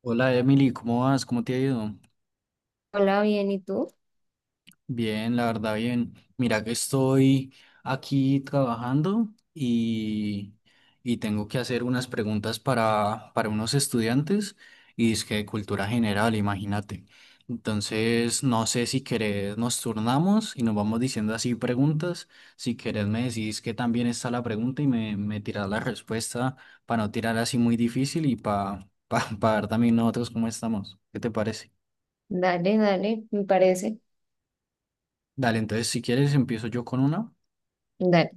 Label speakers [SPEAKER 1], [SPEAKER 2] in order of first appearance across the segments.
[SPEAKER 1] Hola Emily, ¿cómo vas? ¿Cómo te ha ido?
[SPEAKER 2] Hola, bien, ¿y tú?
[SPEAKER 1] Bien, la verdad, bien. Mira que estoy aquí trabajando y, y tengo que hacer unas preguntas para unos estudiantes y es que de cultura general, imagínate. Entonces, no sé si querés nos turnamos y nos vamos diciendo así preguntas. Si querés me decís que también está la pregunta y me tirás la respuesta para no tirar así muy difícil y para pa ver también nosotros cómo estamos. ¿Qué te parece?
[SPEAKER 2] Dale, dale, me parece.
[SPEAKER 1] Dale, entonces si quieres empiezo yo con una.
[SPEAKER 2] Dale,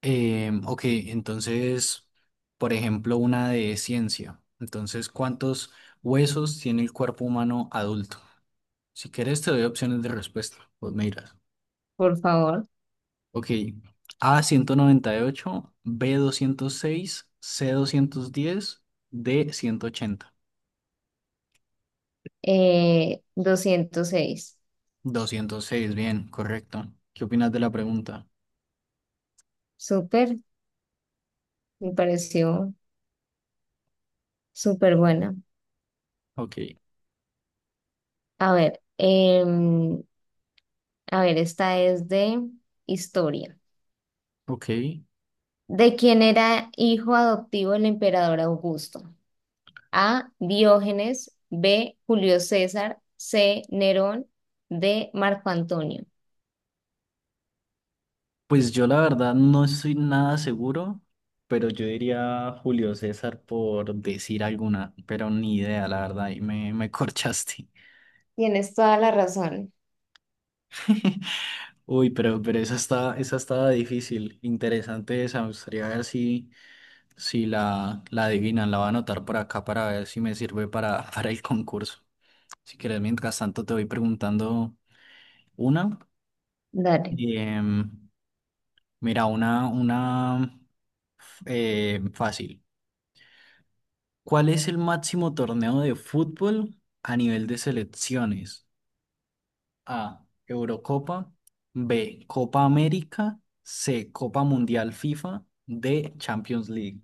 [SPEAKER 1] Ok, entonces, por ejemplo, una de ciencia. Entonces, ¿cuántos huesos tiene el cuerpo humano adulto? Si quieres te doy opciones de respuesta, pues me dirás.
[SPEAKER 2] por favor.
[SPEAKER 1] Ok, A 198, B 206, C 210, D 180.
[SPEAKER 2] 206.
[SPEAKER 1] 206, bien, correcto. ¿Qué opinas de la pregunta?
[SPEAKER 2] Súper, me pareció súper buena.
[SPEAKER 1] Ok,
[SPEAKER 2] A ver, a ver, esta es de historia.
[SPEAKER 1] ok.
[SPEAKER 2] ¿De quién era hijo adoptivo el emperador Augusto? A. Diógenes. B. Julio César. C. Nerón. D. Marco Antonio.
[SPEAKER 1] Pues yo la verdad no estoy nada seguro, pero yo diría Julio César por decir alguna, pero ni idea, la verdad, y me corchaste.
[SPEAKER 2] Tienes toda la razón.
[SPEAKER 1] Uy, pero esa estaba difícil, interesante esa, me gustaría ver si la adivinan, la voy a anotar por acá para ver si me sirve para el concurso. Si quieres, mientras tanto te voy preguntando una.
[SPEAKER 2] Dale.
[SPEAKER 1] Em, Mira, una fácil. ¿Cuál es el máximo torneo de fútbol a nivel de selecciones? A. Eurocopa. B. Copa América. C. Copa Mundial FIFA. D. Champions League.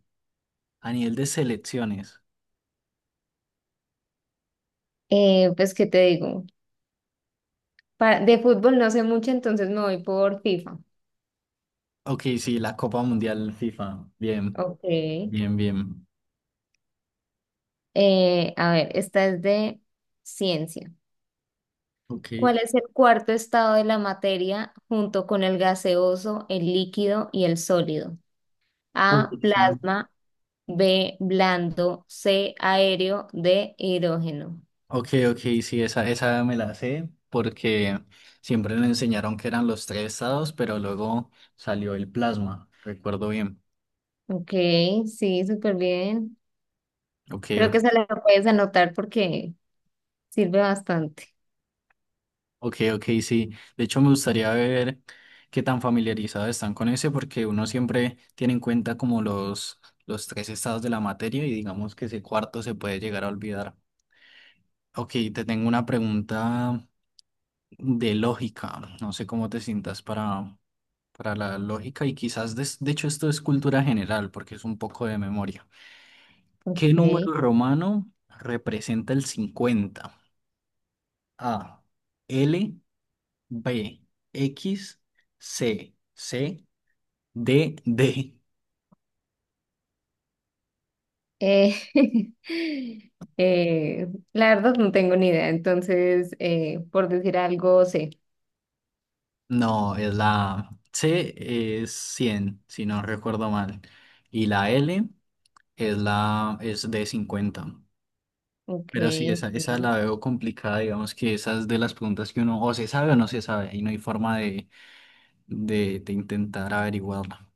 [SPEAKER 1] A nivel de selecciones.
[SPEAKER 2] Pues, ¿qué te digo? De fútbol no sé mucho, entonces me voy por FIFA.
[SPEAKER 1] Ok, sí, la Copa Mundial FIFA. Bien,
[SPEAKER 2] Ok.
[SPEAKER 1] bien, bien.
[SPEAKER 2] A ver, esta es de ciencia.
[SPEAKER 1] Ok.
[SPEAKER 2] ¿Cuál es el cuarto estado de la materia junto con el gaseoso, el líquido y el sólido?
[SPEAKER 1] Uh,
[SPEAKER 2] A,
[SPEAKER 1] esa-
[SPEAKER 2] plasma, B, blando, C, aéreo, D, hidrógeno.
[SPEAKER 1] Ok, ok, sí, esa me la sé porque siempre me enseñaron que eran los tres estados, pero luego salió el plasma. Recuerdo bien.
[SPEAKER 2] Ok, sí, súper bien.
[SPEAKER 1] Ok,
[SPEAKER 2] Creo
[SPEAKER 1] ok.
[SPEAKER 2] que esa la puedes anotar porque sirve bastante.
[SPEAKER 1] Ok, ok, sí. De hecho, me gustaría ver qué tan familiarizados están con ese, porque uno siempre tiene en cuenta como los tres estados de la materia y digamos que ese cuarto se puede llegar a olvidar. Ok, te tengo una pregunta de lógica. No sé cómo te sientas para la lógica y quizás, de hecho, esto es cultura general, porque es un poco de memoria. ¿Qué número
[SPEAKER 2] Ok.
[SPEAKER 1] romano representa el 50? A, L. B, X. C, C. D, D.
[SPEAKER 2] Eh, la verdad no tengo ni idea. Entonces, por decir algo, sé.
[SPEAKER 1] No, es la C, es 100 si no recuerdo mal. Y la L es de 50.
[SPEAKER 2] Ok,
[SPEAKER 1] Pero sí, esa
[SPEAKER 2] ok.
[SPEAKER 1] la veo complicada, digamos que esas de las preguntas que uno o se sabe o no se sabe, y no hay forma de intentar averiguarla.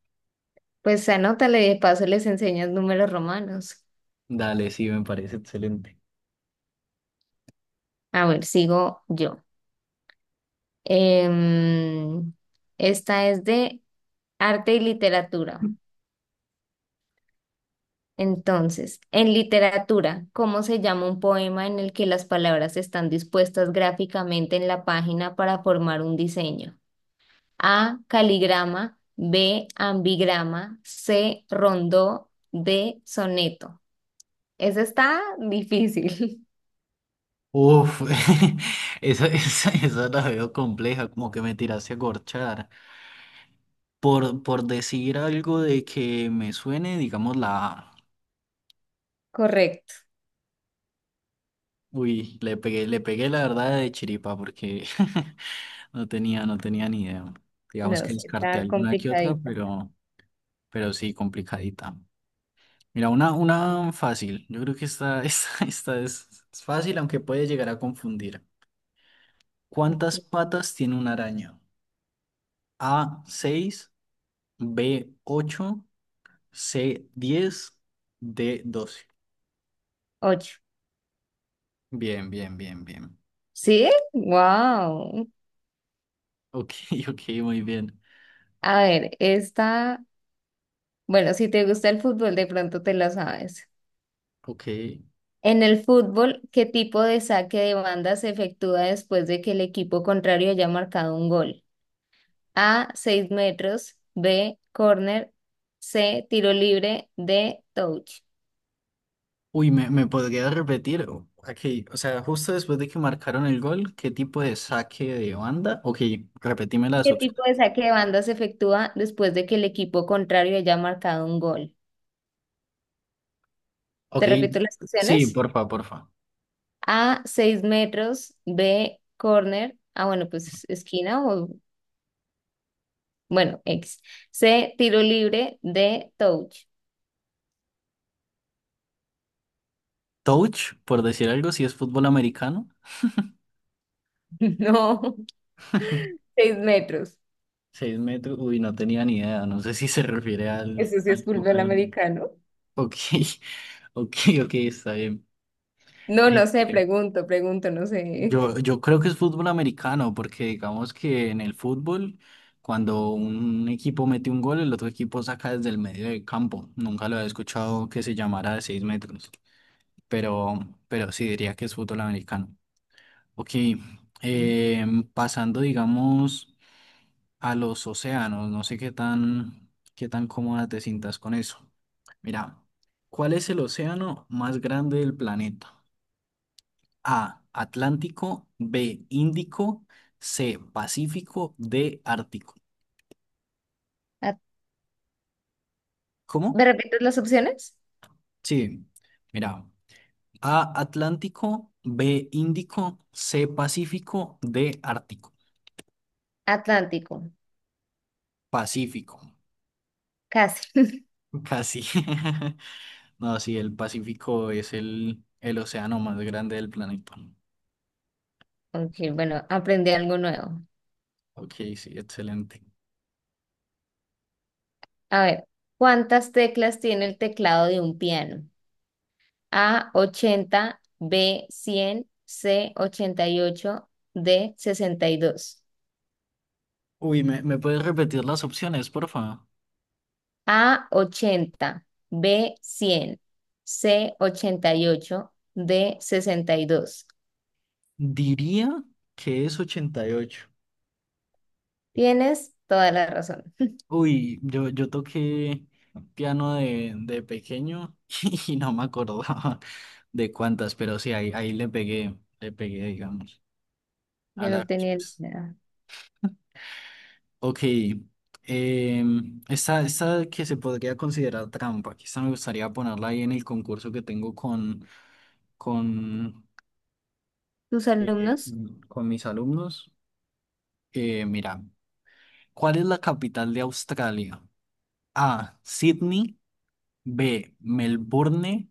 [SPEAKER 2] Pues anótale, de paso les enseñas números romanos.
[SPEAKER 1] Dale, sí, me parece excelente.
[SPEAKER 2] A ver, sigo yo. Em, Esta es de arte y literatura. Entonces, en literatura, ¿cómo se llama un poema en el que las palabras están dispuestas gráficamente en la página para formar un diseño? A, caligrama, B, ambigrama, C, rondó, D, soneto. Esa está difícil.
[SPEAKER 1] Uf, esa la veo compleja, como que me tiraste a corchar. Por decir algo de que me suene, digamos la A.
[SPEAKER 2] Correcto.
[SPEAKER 1] Uy, le pegué la verdad de chiripa porque no tenía ni idea. Digamos
[SPEAKER 2] No,
[SPEAKER 1] que
[SPEAKER 2] sí,
[SPEAKER 1] descarté
[SPEAKER 2] está
[SPEAKER 1] alguna que otra,
[SPEAKER 2] complicadita.
[SPEAKER 1] pero sí, complicadita. Mira, una fácil. Yo creo que esta es fácil, aunque puede llegar a confundir. ¿Cuántas
[SPEAKER 2] Ok.
[SPEAKER 1] patas tiene una araña? A, seis. B, ocho. C, 10. D, 12.
[SPEAKER 2] Ocho.
[SPEAKER 1] Bien, bien, bien, bien.
[SPEAKER 2] ¿Sí? Wow.
[SPEAKER 1] Ok, ok, muy bien.
[SPEAKER 2] A ver, esta, bueno, si te gusta el fútbol, de pronto te la sabes.
[SPEAKER 1] Ok.
[SPEAKER 2] En el fútbol, ¿qué tipo de saque de banda se efectúa después de que el equipo contrario haya marcado un gol? A, 6 metros. B, corner. C, tiro libre. D, touch.
[SPEAKER 1] Uy, ¿me podría repetir? Ok, o sea, justo después de que marcaron el gol, ¿qué tipo de saque de banda? Ok, repetime las
[SPEAKER 2] ¿Qué
[SPEAKER 1] opciones.
[SPEAKER 2] tipo de saque de banda se efectúa después de que el equipo contrario haya marcado un gol?
[SPEAKER 1] Ok,
[SPEAKER 2] Te repito las
[SPEAKER 1] sí,
[SPEAKER 2] opciones.
[SPEAKER 1] porfa, porfa.
[SPEAKER 2] A, 6 metros. B, corner. Ah, bueno, pues esquina o, bueno, X. C, tiro libre. D, touch.
[SPEAKER 1] Touch, por decir algo, si es fútbol americano.
[SPEAKER 2] No, 6 metros.
[SPEAKER 1] 6 metros, uy, no tenía ni idea. No sé si se refiere al,
[SPEAKER 2] Eso sí es
[SPEAKER 1] al
[SPEAKER 2] fútbol
[SPEAKER 1] fútbol americano.
[SPEAKER 2] americano.
[SPEAKER 1] Ok, ok, ok, está bien.
[SPEAKER 2] No, no sé, pregunto, pregunto, no sé.
[SPEAKER 1] Yo creo que es fútbol americano, porque digamos que en el fútbol, cuando un equipo mete un gol, el otro equipo saca desde el medio del campo. Nunca lo he escuchado que se llamara de 6 metros, pero, pero sí diría que es fútbol americano. Ok,
[SPEAKER 2] Mm.
[SPEAKER 1] pasando, digamos, a los océanos, no sé qué tan cómoda te sientas con eso. Mira, ¿cuál es el océano más grande del planeta? A, Atlántico. B, Índico. C, Pacífico. D, Ártico.
[SPEAKER 2] Ah,
[SPEAKER 1] ¿Cómo?
[SPEAKER 2] ¿me repites las opciones?
[SPEAKER 1] Sí, mira, A, Atlántico. B, Índico. C, Pacífico. D, Ártico.
[SPEAKER 2] Atlántico,
[SPEAKER 1] Pacífico,
[SPEAKER 2] casi.
[SPEAKER 1] casi. No, sí, el Pacífico es el océano más grande del planeta.
[SPEAKER 2] Ok, bueno, aprendí algo nuevo.
[SPEAKER 1] Ok, sí, excelente.
[SPEAKER 2] A ver, ¿cuántas teclas tiene el teclado de un piano? A, 80, B, 100, C, 88, D, 62.
[SPEAKER 1] Uy, ¿me puedes repetir las opciones, por favor?
[SPEAKER 2] A, 80, B, 100, C, 88, D, 62.
[SPEAKER 1] Diría que es 88.
[SPEAKER 2] Tienes toda la razón.
[SPEAKER 1] Uy, yo toqué piano de pequeño y no me acordaba de cuántas, pero sí, ahí le pegué, digamos, a
[SPEAKER 2] Yo no
[SPEAKER 1] la
[SPEAKER 2] tenía
[SPEAKER 1] pues.
[SPEAKER 2] ni idea.
[SPEAKER 1] Ok, esta que se podría considerar trampa, que esta me gustaría ponerla ahí en el concurso que tengo con,
[SPEAKER 2] ¿Tus
[SPEAKER 1] eh,
[SPEAKER 2] alumnos?
[SPEAKER 1] con mis alumnos. Mira, ¿cuál es la capital de Australia? A, Sydney. B, Melbourne.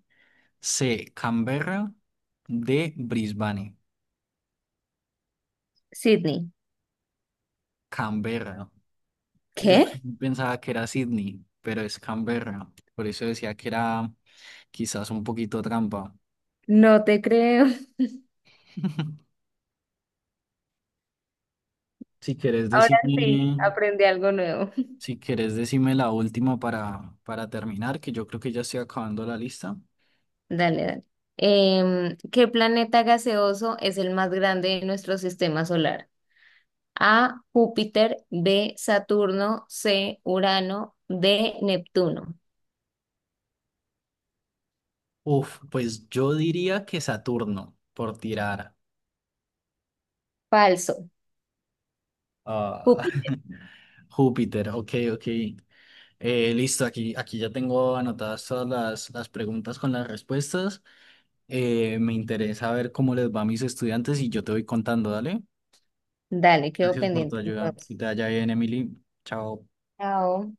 [SPEAKER 1] C, Canberra. D, Brisbane.
[SPEAKER 2] Sydney.
[SPEAKER 1] Canberra. Yo
[SPEAKER 2] ¿Qué?
[SPEAKER 1] también pensaba que era Sydney, pero es Canberra. Por eso decía que era quizás un poquito trampa.
[SPEAKER 2] No te creo.
[SPEAKER 1] Si quieres
[SPEAKER 2] Ahora sí,
[SPEAKER 1] decirme,
[SPEAKER 2] aprendí algo nuevo.
[SPEAKER 1] si quieres decirme la última para terminar, que yo creo que ya estoy acabando la lista.
[SPEAKER 2] Dale, dale. ¿Qué planeta gaseoso es el más grande de nuestro sistema solar? A, Júpiter, B, Saturno, C, Urano, D, Neptuno.
[SPEAKER 1] Uf, pues yo diría que Saturno, por tirar.
[SPEAKER 2] Falso.
[SPEAKER 1] Ah,
[SPEAKER 2] Júpiter.
[SPEAKER 1] Júpiter, ok, ok. Listo, aquí ya tengo anotadas todas las preguntas con las respuestas. Me interesa ver cómo les va a mis estudiantes y yo te voy contando, dale.
[SPEAKER 2] Dale, quedo
[SPEAKER 1] Gracias por tu
[SPEAKER 2] pendiente
[SPEAKER 1] ayuda.
[SPEAKER 2] entonces.
[SPEAKER 1] Que te vaya bien, Emily. Chao.
[SPEAKER 2] Chao.